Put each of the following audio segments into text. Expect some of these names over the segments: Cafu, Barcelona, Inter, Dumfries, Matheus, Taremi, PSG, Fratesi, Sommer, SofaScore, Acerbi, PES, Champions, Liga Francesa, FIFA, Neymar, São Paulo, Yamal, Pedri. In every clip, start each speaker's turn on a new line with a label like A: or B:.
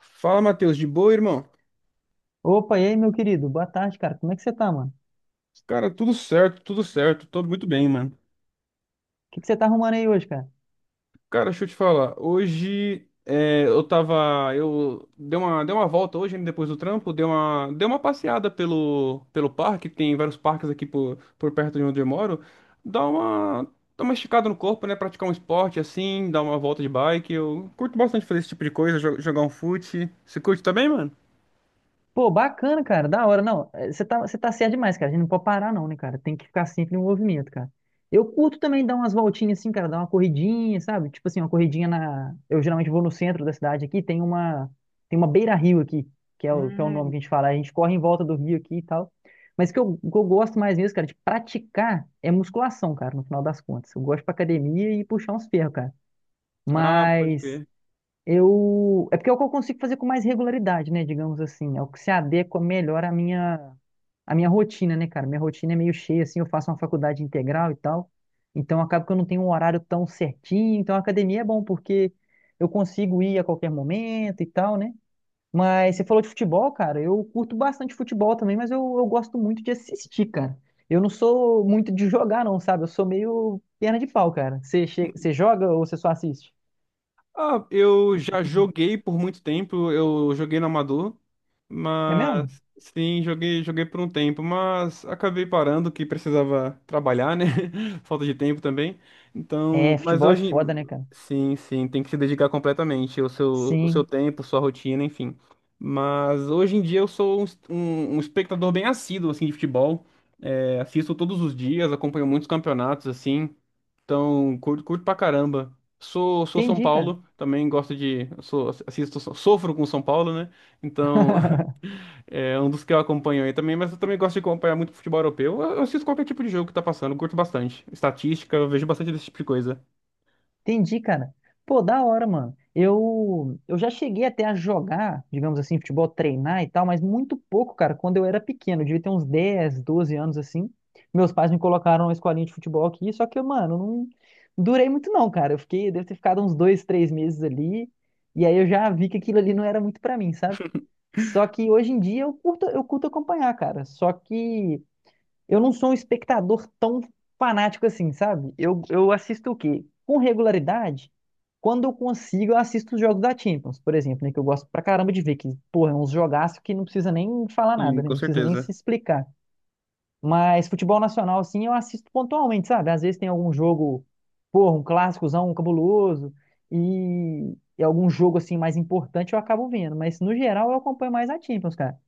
A: Fala, Matheus, de boa, irmão?
B: Opa, e aí, meu querido? Boa tarde, cara. Como é que você tá, mano?
A: Cara, tudo certo, tô muito bem, mano.
B: O que que você tá arrumando aí hoje, cara?
A: Cara, deixa eu te falar, hoje é, eu tava, eu dei uma volta hoje, né, depois do trampo, dei uma passeada pelo parque, tem vários parques aqui por perto de onde eu moro, dá uma, dá uma esticada no corpo, né, praticar um esporte assim, dar uma volta de bike, eu curto bastante fazer esse tipo de coisa, jogar um fute. Você curte também, mano?
B: Pô, bacana, cara. Da hora. Não, você tá certo demais, cara. A gente não pode parar, não, né, cara? Tem que ficar sempre em movimento, cara. Eu curto também dar umas voltinhas assim, cara. Dar uma corridinha, sabe? Tipo assim, uma corridinha. Eu geralmente vou no centro da cidade aqui. Tem uma beira-rio aqui, que é o nome
A: Hum.
B: que a gente fala. A gente corre em volta do rio aqui e tal. Mas o que eu gosto mais mesmo, cara, de praticar é musculação, cara, no final das contas. Eu gosto pra academia e puxar uns ferros, cara.
A: Ah, pode
B: Mas
A: crer.
B: É porque é o que eu consigo fazer com mais regularidade, né? Digamos assim. É o que se adequa melhor à minha rotina, né, cara? Minha rotina é meio cheia, assim. Eu faço uma faculdade integral e tal. Então, acaba que eu não tenho um horário tão certinho. Então, a academia é bom, porque eu consigo ir a qualquer momento e tal, né? Mas você falou de futebol, cara. Eu curto bastante futebol também, mas eu gosto muito de assistir, cara. Eu não sou muito de jogar, não, sabe? Eu sou meio perna de pau, cara. Você joga ou você só assiste?
A: Ah, eu já joguei por muito tempo, eu joguei no amador,
B: É mesmo?
A: mas sim, joguei por um tempo, mas acabei parando que precisava trabalhar, né? Falta de tempo também. Então,
B: É,
A: mas
B: futebol é
A: hoje,
B: foda, né, cara?
A: sim, sim, tem que se dedicar completamente, o seu
B: Sim.
A: tempo, sua rotina, enfim. Mas hoje em dia eu sou um espectador bem assíduo, assim, de futebol. É, assisto todos os dias, acompanho muitos campeonatos, assim. Então, curto pra caramba. Sou São
B: Entendi, cara.
A: Paulo, também gosto de. Sou, assisto, sofro com São Paulo, né? Então, é um dos que eu acompanho aí também, mas eu também gosto de acompanhar muito futebol europeu. Eu assisto qualquer tipo de jogo que tá passando, curto bastante. Estatística, eu vejo bastante desse tipo de coisa.
B: Entendi, cara. Pô, da hora, mano. Eu já cheguei até a jogar, digamos assim, futebol, treinar e tal, mas muito pouco, cara, quando eu era pequeno. Eu devia ter uns 10, 12 anos assim. Meus pais me colocaram na escolinha de futebol aqui, só que, mano, não durei muito não, cara. Eu fiquei, devo ter ficado uns 2, 3 meses ali, e aí eu já vi que aquilo ali não era muito pra mim, sabe? Só que hoje em dia eu curto acompanhar, cara. Só que eu não sou um espectador tão fanático assim, sabe? Eu assisto o quê? Com regularidade, quando eu consigo, eu assisto os jogos da Champions, por exemplo, né? Que eu gosto pra caramba de ver, que, porra, é uns jogaços que não precisa nem falar
A: E
B: nada, né?
A: com
B: Não precisa nem
A: certeza.
B: se explicar. Mas futebol nacional, assim, eu assisto pontualmente, sabe? Às vezes tem algum jogo, porra, um clássicozão, um cabuloso, e algum jogo, assim, mais importante eu acabo vendo. Mas, no geral, eu acompanho mais a Champions, cara.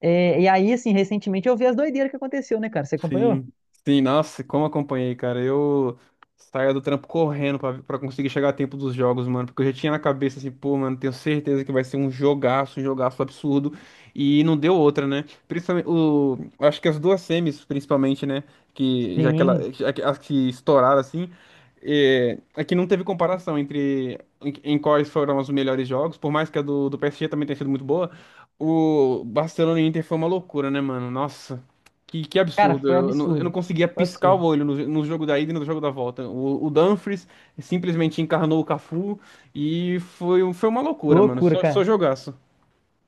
B: É, e aí, assim, recentemente eu vi as doideiras que aconteceu, né, cara? Você acompanhou?
A: Sim, sim, nossa, como acompanhei, cara. Eu saía do trampo correndo pra conseguir chegar a tempo dos jogos, mano. Porque eu já tinha na cabeça assim, pô, mano, tenho certeza que vai ser um jogaço absurdo. E não deu outra, né? Principalmente, o, acho que as duas semis, principalmente, né? Que já que, ela,
B: Sim.
A: já que, as que estouraram assim. É, é que não teve comparação entre em quais foram os melhores jogos, por mais que a do PSG também tenha sido muito boa. O Barcelona e Inter foi uma loucura, né, mano? Nossa. Que
B: Cara,
A: absurdo.
B: foi
A: Eu não
B: absurdo.
A: conseguia
B: Foi
A: piscar o
B: absurdo.
A: olho no jogo da ida e no jogo da volta. O Dumfries simplesmente encarnou o Cafu e foi uma loucura, mano.
B: Loucura,
A: Só
B: cara.
A: jogaço.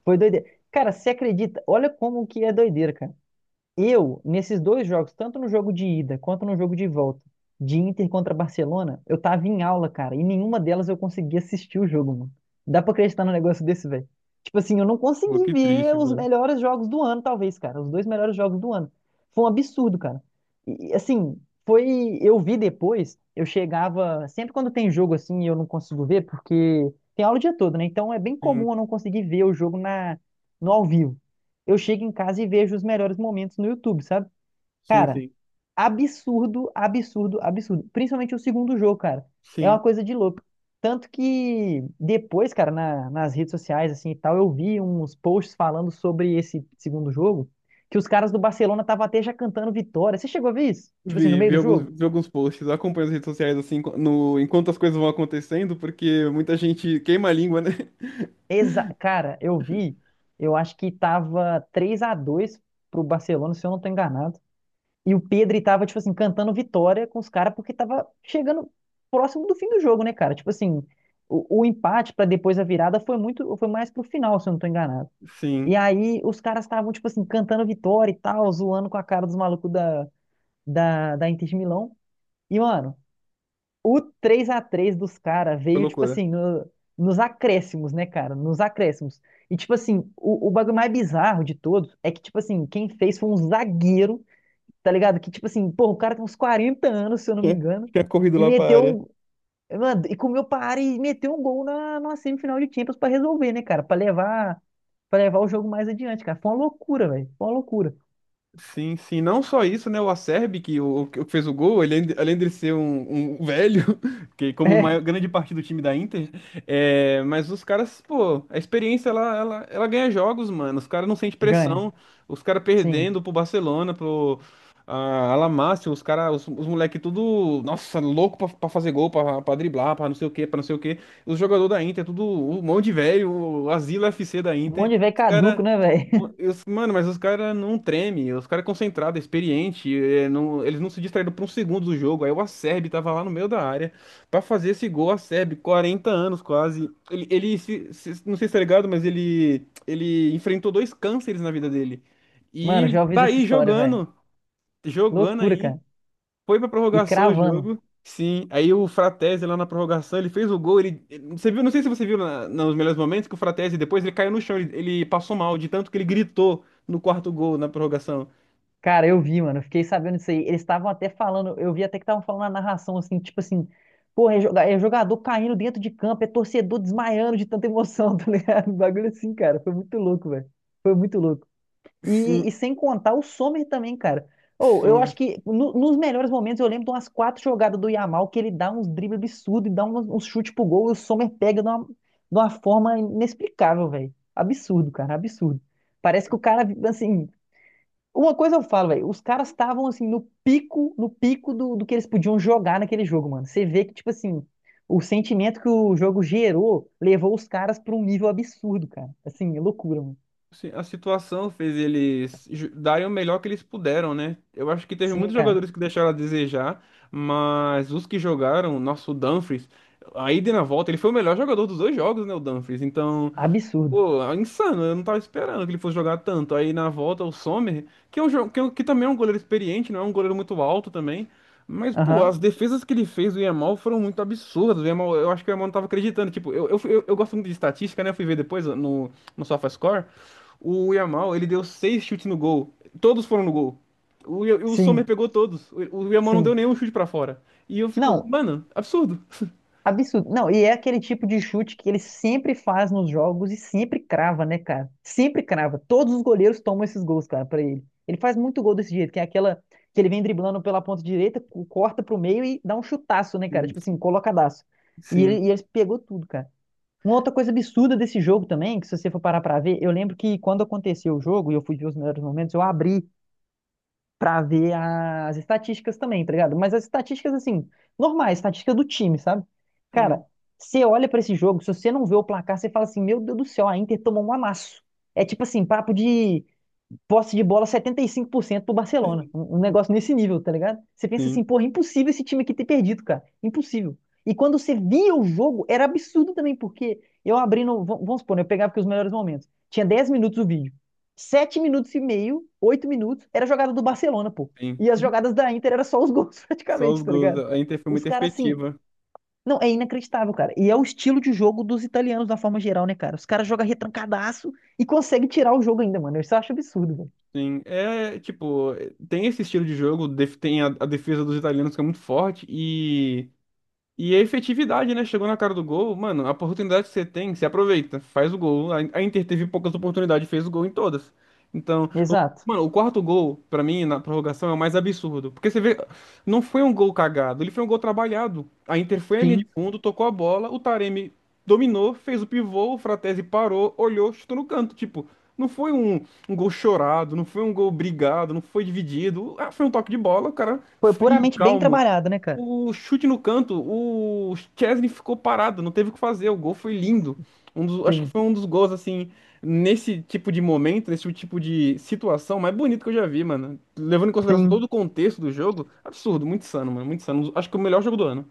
B: Foi doideira. Cara, você acredita? Olha como que é doideira, cara. Eu, nesses dois jogos, tanto no jogo de ida quanto no jogo de volta, de Inter contra Barcelona, eu tava em aula, cara, e nenhuma delas eu conseguia assistir o jogo, mano. Dá pra acreditar num negócio desse, velho? Tipo assim, eu não
A: Pô,
B: consegui
A: que
B: ver
A: triste,
B: os
A: mano.
B: melhores jogos do ano, talvez, cara. Os dois melhores jogos do ano. Foi um absurdo, cara. Assim, foi. Eu vi depois, eu chegava. Sempre quando tem jogo assim, e eu não consigo ver, porque tem aula o dia todo, né? Então é bem
A: Sim,
B: comum eu não conseguir ver o jogo no ao vivo, eu chego em casa e vejo os melhores momentos no YouTube, sabe?
A: sim,
B: Cara,
A: sim.
B: absurdo, absurdo, absurdo. Principalmente o segundo jogo, cara. É
A: Sim.
B: uma coisa de louco. Tanto que depois, cara, nas redes sociais, assim e tal, eu vi uns posts falando sobre esse segundo jogo, que os caras do Barcelona estavam até já cantando vitória. Você chegou a ver isso? Tipo assim, no meio do jogo?
A: Vi alguns posts. Eu acompanho as redes sociais assim no, enquanto as coisas vão acontecendo, porque muita gente queima a língua, né?
B: Exa Cara, eu vi, eu acho que tava três a 2 pro Barcelona, se eu não tô enganado. E o Pedri tava, tipo assim, cantando vitória com os caras porque tava chegando próximo do fim do jogo, né, cara? Tipo assim, o empate pra depois a virada foi foi mais pro final, se eu não tô enganado.
A: Sim,
B: E aí os caras estavam, tipo assim, cantando vitória e tal, zoando com a cara dos malucos da Inter de Milão. E, mano, o 3-3 dos caras
A: foi
B: veio, tipo
A: loucura.
B: assim, nos acréscimos, né, cara? Nos acréscimos. E, tipo assim, o bagulho mais bizarro de todos é que, tipo assim, quem fez foi um zagueiro, tá ligado? Que tipo assim, pô, o cara tem uns 40 anos, se eu não me
A: Tinha
B: engano,
A: Tinha corrido
B: e
A: lá pra área.
B: meteu um. Mano, e comeu para e meteu um gol na semifinal de Champions pra resolver, né, cara? Para levar o jogo mais adiante, cara. Foi uma loucura, velho. Foi uma loucura.
A: Sim, sim, não só isso, né? O Acerbi, que, o, que fez o gol, ele, além de ser um velho, que como maior,
B: É,
A: grande parte do time da Inter, é, mas os caras, pô, a experiência ela ganha jogos, mano. Os caras não sentem
B: ganha.
A: pressão, os caras
B: Sim.
A: perdendo pro Barcelona, Alamácio, os caras, os moleque tudo, nossa, louco pra fazer gol, pra driblar, pra não sei o quê, pra não sei o quê. Os jogadores da Inter, tudo um monte de velho, o Asilo FC da
B: Um monte
A: Inter.
B: de velho
A: Os caras.
B: caduco, né, velho?
A: Mano, mas os caras não tremem, os caras é concentrado, é experiente, eles não se distraíram por um segundo do jogo. Aí o Acerbi tava lá no meio da área pra fazer esse gol, Acerbi, 40 anos quase. Ele se- se- Não sei se tá ligado, mas ele enfrentou dois cânceres na vida dele. E
B: Mano,
A: ele
B: já ouvi
A: tá
B: dessa
A: aí
B: história, velho.
A: jogando, jogando
B: Loucura,
A: aí.
B: cara.
A: Foi pra
B: E
A: prorrogação o
B: cravando.
A: jogo. Sim, aí o Fratesi lá na prorrogação, ele fez o gol, você viu, não sei se você viu nos melhores momentos que o Fratesi depois ele caiu no chão, ele passou mal de tanto que ele gritou no quarto gol na prorrogação.
B: Cara, eu vi, mano. Eu fiquei sabendo disso aí. Eles estavam até falando, eu vi até que estavam falando na narração, assim, tipo assim, porra, é jogador caindo dentro de campo, é torcedor desmaiando de tanta emoção, tá ligado? Um bagulho assim, cara. Foi muito louco, velho. Foi muito louco.
A: Sim,
B: E sem contar o Sommer também, cara. Ou eu
A: sim.
B: acho que nos melhores momentos eu lembro de umas quatro jogadas do Yamal que ele dá uns dribles absurdos e dá uns chutes pro gol e o Sommer pega de uma forma inexplicável, velho. Absurdo, cara, absurdo. Parece que o cara, assim. Uma coisa eu falo, velho, os caras estavam assim no pico, no pico do que eles podiam jogar naquele jogo, mano. Você vê que, tipo assim, o sentimento que o jogo gerou levou os caras pra um nível absurdo, cara. Assim, é loucura, mano.
A: Sim, a situação fez darem o melhor que eles puderam, né? Eu acho que teve
B: Sim,
A: muitos
B: cara.
A: jogadores que deixaram a desejar, mas os que jogaram, nosso Dumfries, aí de na volta, ele foi o melhor jogador dos dois jogos, né, o Dumfries. Então,
B: Absurdo.
A: pô, é insano, eu não tava esperando que ele fosse jogar tanto. Aí na volta o Sommer, que também é um goleiro experiente, não é um goleiro muito alto também. Mas, pô, as
B: Aham.
A: defesas que ele fez do Yamal foram muito absurdas. O Yamal, eu acho que o Yamal não tava acreditando. Tipo, eu gosto muito de estatística, né? Eu fui ver depois no SofaScore. O Yamal, ele deu seis chutes no gol. Todos foram no gol. O, o Sommer
B: Sim,
A: pegou todos. O Yamal não deu
B: sim.
A: nenhum chute pra fora. E eu fico,
B: Não,
A: mano, absurdo.
B: absurdo. Não, e é aquele tipo de chute que ele sempre faz nos jogos e sempre crava, né, cara? Sempre crava. Todos os goleiros tomam esses gols, cara, pra ele. Ele faz muito gol desse jeito, que é aquela que ele vem driblando pela ponta direita, corta pro meio e dá um chutaço, né, cara?
A: Sim,
B: Tipo assim, colocadaço. E
A: sim,
B: ele, e ele pegou tudo, cara. Uma outra coisa absurda desse jogo também, que se você for parar pra ver, eu lembro que quando aconteceu o jogo e eu fui ver os melhores momentos, eu abri pra ver as estatísticas também, tá ligado? Mas as estatísticas, assim, normais, estatística do time, sabe? Cara,
A: sim,
B: você olha pra esse jogo, se você não vê o placar, você fala assim, meu Deus do céu, a Inter tomou um amasso. É tipo assim, papo de posse de bola 75% pro Barcelona. Um negócio nesse nível, tá ligado? Você pensa assim,
A: sim.
B: porra, é impossível esse time aqui ter perdido, cara. Impossível. E quando você via o jogo, era absurdo também, porque eu abri no. vam- Vamos supor, né, eu pegava aqui os melhores momentos. Tinha 10 minutos o vídeo. 7 minutos e meio, 8 minutos, era jogada do Barcelona, pô.
A: Sim.
B: E as jogadas da Inter era só os gols,
A: Só os
B: praticamente, tá
A: gols.
B: ligado?
A: A Inter foi
B: Os
A: muito
B: caras, assim.
A: efetiva.
B: Não, é inacreditável, cara. E é o estilo de jogo dos italianos, da forma geral, né, cara? Os caras jogam retrancadaço e conseguem tirar o jogo ainda, mano. Isso eu acho absurdo, velho.
A: Sim. É, tipo, tem esse estilo de jogo, tem a defesa dos italianos que é muito forte. E a efetividade, né? Chegou na cara do gol, mano, a oportunidade que você tem, você aproveita, faz o gol. A Inter teve poucas oportunidades, fez o gol em todas. Então,
B: Exato.
A: mano, o quarto gol, pra mim, na prorrogação, é o mais absurdo. Porque você vê, não foi um gol cagado, ele foi um gol trabalhado. A Inter foi à linha de
B: Sim,
A: fundo, tocou a bola, o Taremi dominou, fez o pivô, o Fratesi parou, olhou, chutou no canto. Tipo, não foi um gol chorado, não foi um gol brigado, não foi dividido. Ah, foi um toque de bola, o cara
B: foi
A: frio,
B: puramente bem
A: calmo.
B: trabalhado, né, cara?
A: O chute no canto, o Chesney ficou parado, não teve o que fazer. O gol foi lindo. Um dos, acho que
B: Sim.
A: foi um dos gols, assim, nesse tipo de momento, nesse tipo de situação mais bonito que eu já vi, mano. Levando em consideração todo
B: Sim.
A: o contexto do jogo, absurdo, muito insano, mano, muito insano. Acho que o melhor jogo do ano.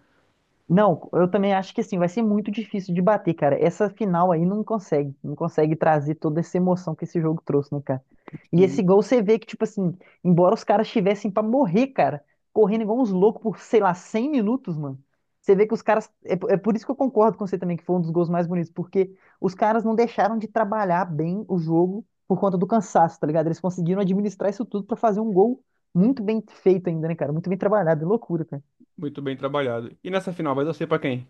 B: Não, eu também acho que assim, vai ser muito difícil de bater, cara. Essa final aí não consegue trazer toda essa emoção que esse jogo trouxe, né, cara? E esse
A: Sim,
B: gol você vê que, tipo assim, embora os caras estivessem pra morrer, cara, correndo igual uns loucos por, sei lá, 100 minutos, mano. Você vê que os caras. É, é por isso que eu concordo com você também, que foi um dos gols mais bonitos, porque os caras não deixaram de trabalhar bem o jogo por conta do cansaço, tá ligado? Eles conseguiram administrar isso tudo pra fazer um gol muito bem feito ainda, né, cara? Muito bem trabalhado, é loucura, cara.
A: muito bem trabalhado. E nessa final vai torcer pra quem?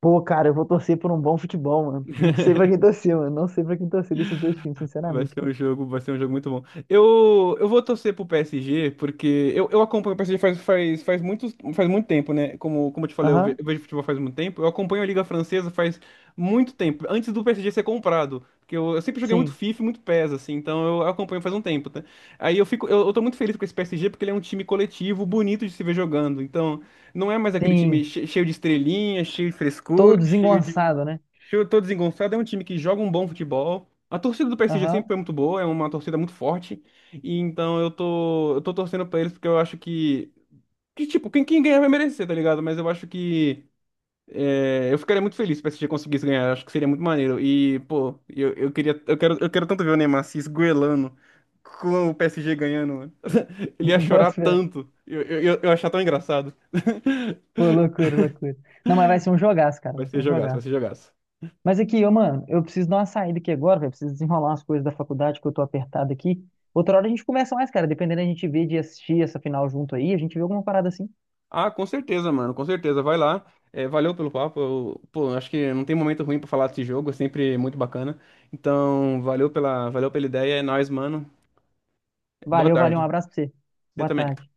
B: Pô, cara, eu vou torcer por um bom futebol, mano. Não sei pra quem torcer, mano. Não sei pra quem torcer desses dois times,
A: Vai
B: sinceramente,
A: ser
B: cara.
A: um jogo, vai ser um jogo muito bom. Eu vou torcer pro PSG, porque eu acompanho o PSG faz muito tempo, né? Como eu te falei,
B: Aham,
A: eu vejo futebol faz muito tempo. Eu acompanho a Liga Francesa faz muito tempo, antes do PSG ser comprado. Porque eu sempre joguei muito
B: sim,
A: FIFA, e muito PES, assim, então eu acompanho faz um tempo, tá? Aí eu fico, eu tô muito feliz com esse PSG, porque ele é um time coletivo, bonito de se ver jogando. Então, não é mais aquele
B: sim.
A: time cheio de estrelinha, cheio de
B: Todo
A: frescura, cheio de.
B: desengonçado, né?
A: Cheio, todo desengonçado, é um time que joga um bom futebol. A torcida do PSG sempre
B: Aham,
A: foi muito boa, é uma torcida muito forte. E então eu tô, torcendo pra eles porque eu acho que tipo, quem ganhar vai merecer, tá ligado? Mas eu acho que eu ficaria muito feliz se o PSG conseguisse ganhar, eu acho que seria muito maneiro. E, pô, eu quero tanto ver o Neymar se esgoelando com o PSG ganhando, mano. Ele ia
B: bota
A: chorar
B: fé.
A: tanto. Eu ia achar tão engraçado.
B: Pô, loucura, loucura. Não, mas vai ser um jogaço, cara.
A: Vai
B: Vai ser
A: ser
B: um
A: jogaço, vai
B: jogaço.
A: ser jogaço.
B: Mas aqui, ô, mano, eu preciso dar uma saída aqui agora, velho. Preciso desenrolar umas coisas da faculdade que eu tô apertado aqui. Outra hora a gente conversa mais, cara. Dependendo, a gente vê de assistir essa final junto aí. A gente vê alguma parada assim.
A: Ah, com certeza, mano, com certeza. Vai lá. É, valeu pelo papo. Eu, pô, acho que não tem momento ruim pra falar desse jogo, é sempre muito bacana. Então, valeu pela ideia. É nóis, mano. Boa
B: Valeu, valeu. Um
A: tarde.
B: abraço pra você.
A: Você
B: Boa
A: também.
B: tarde.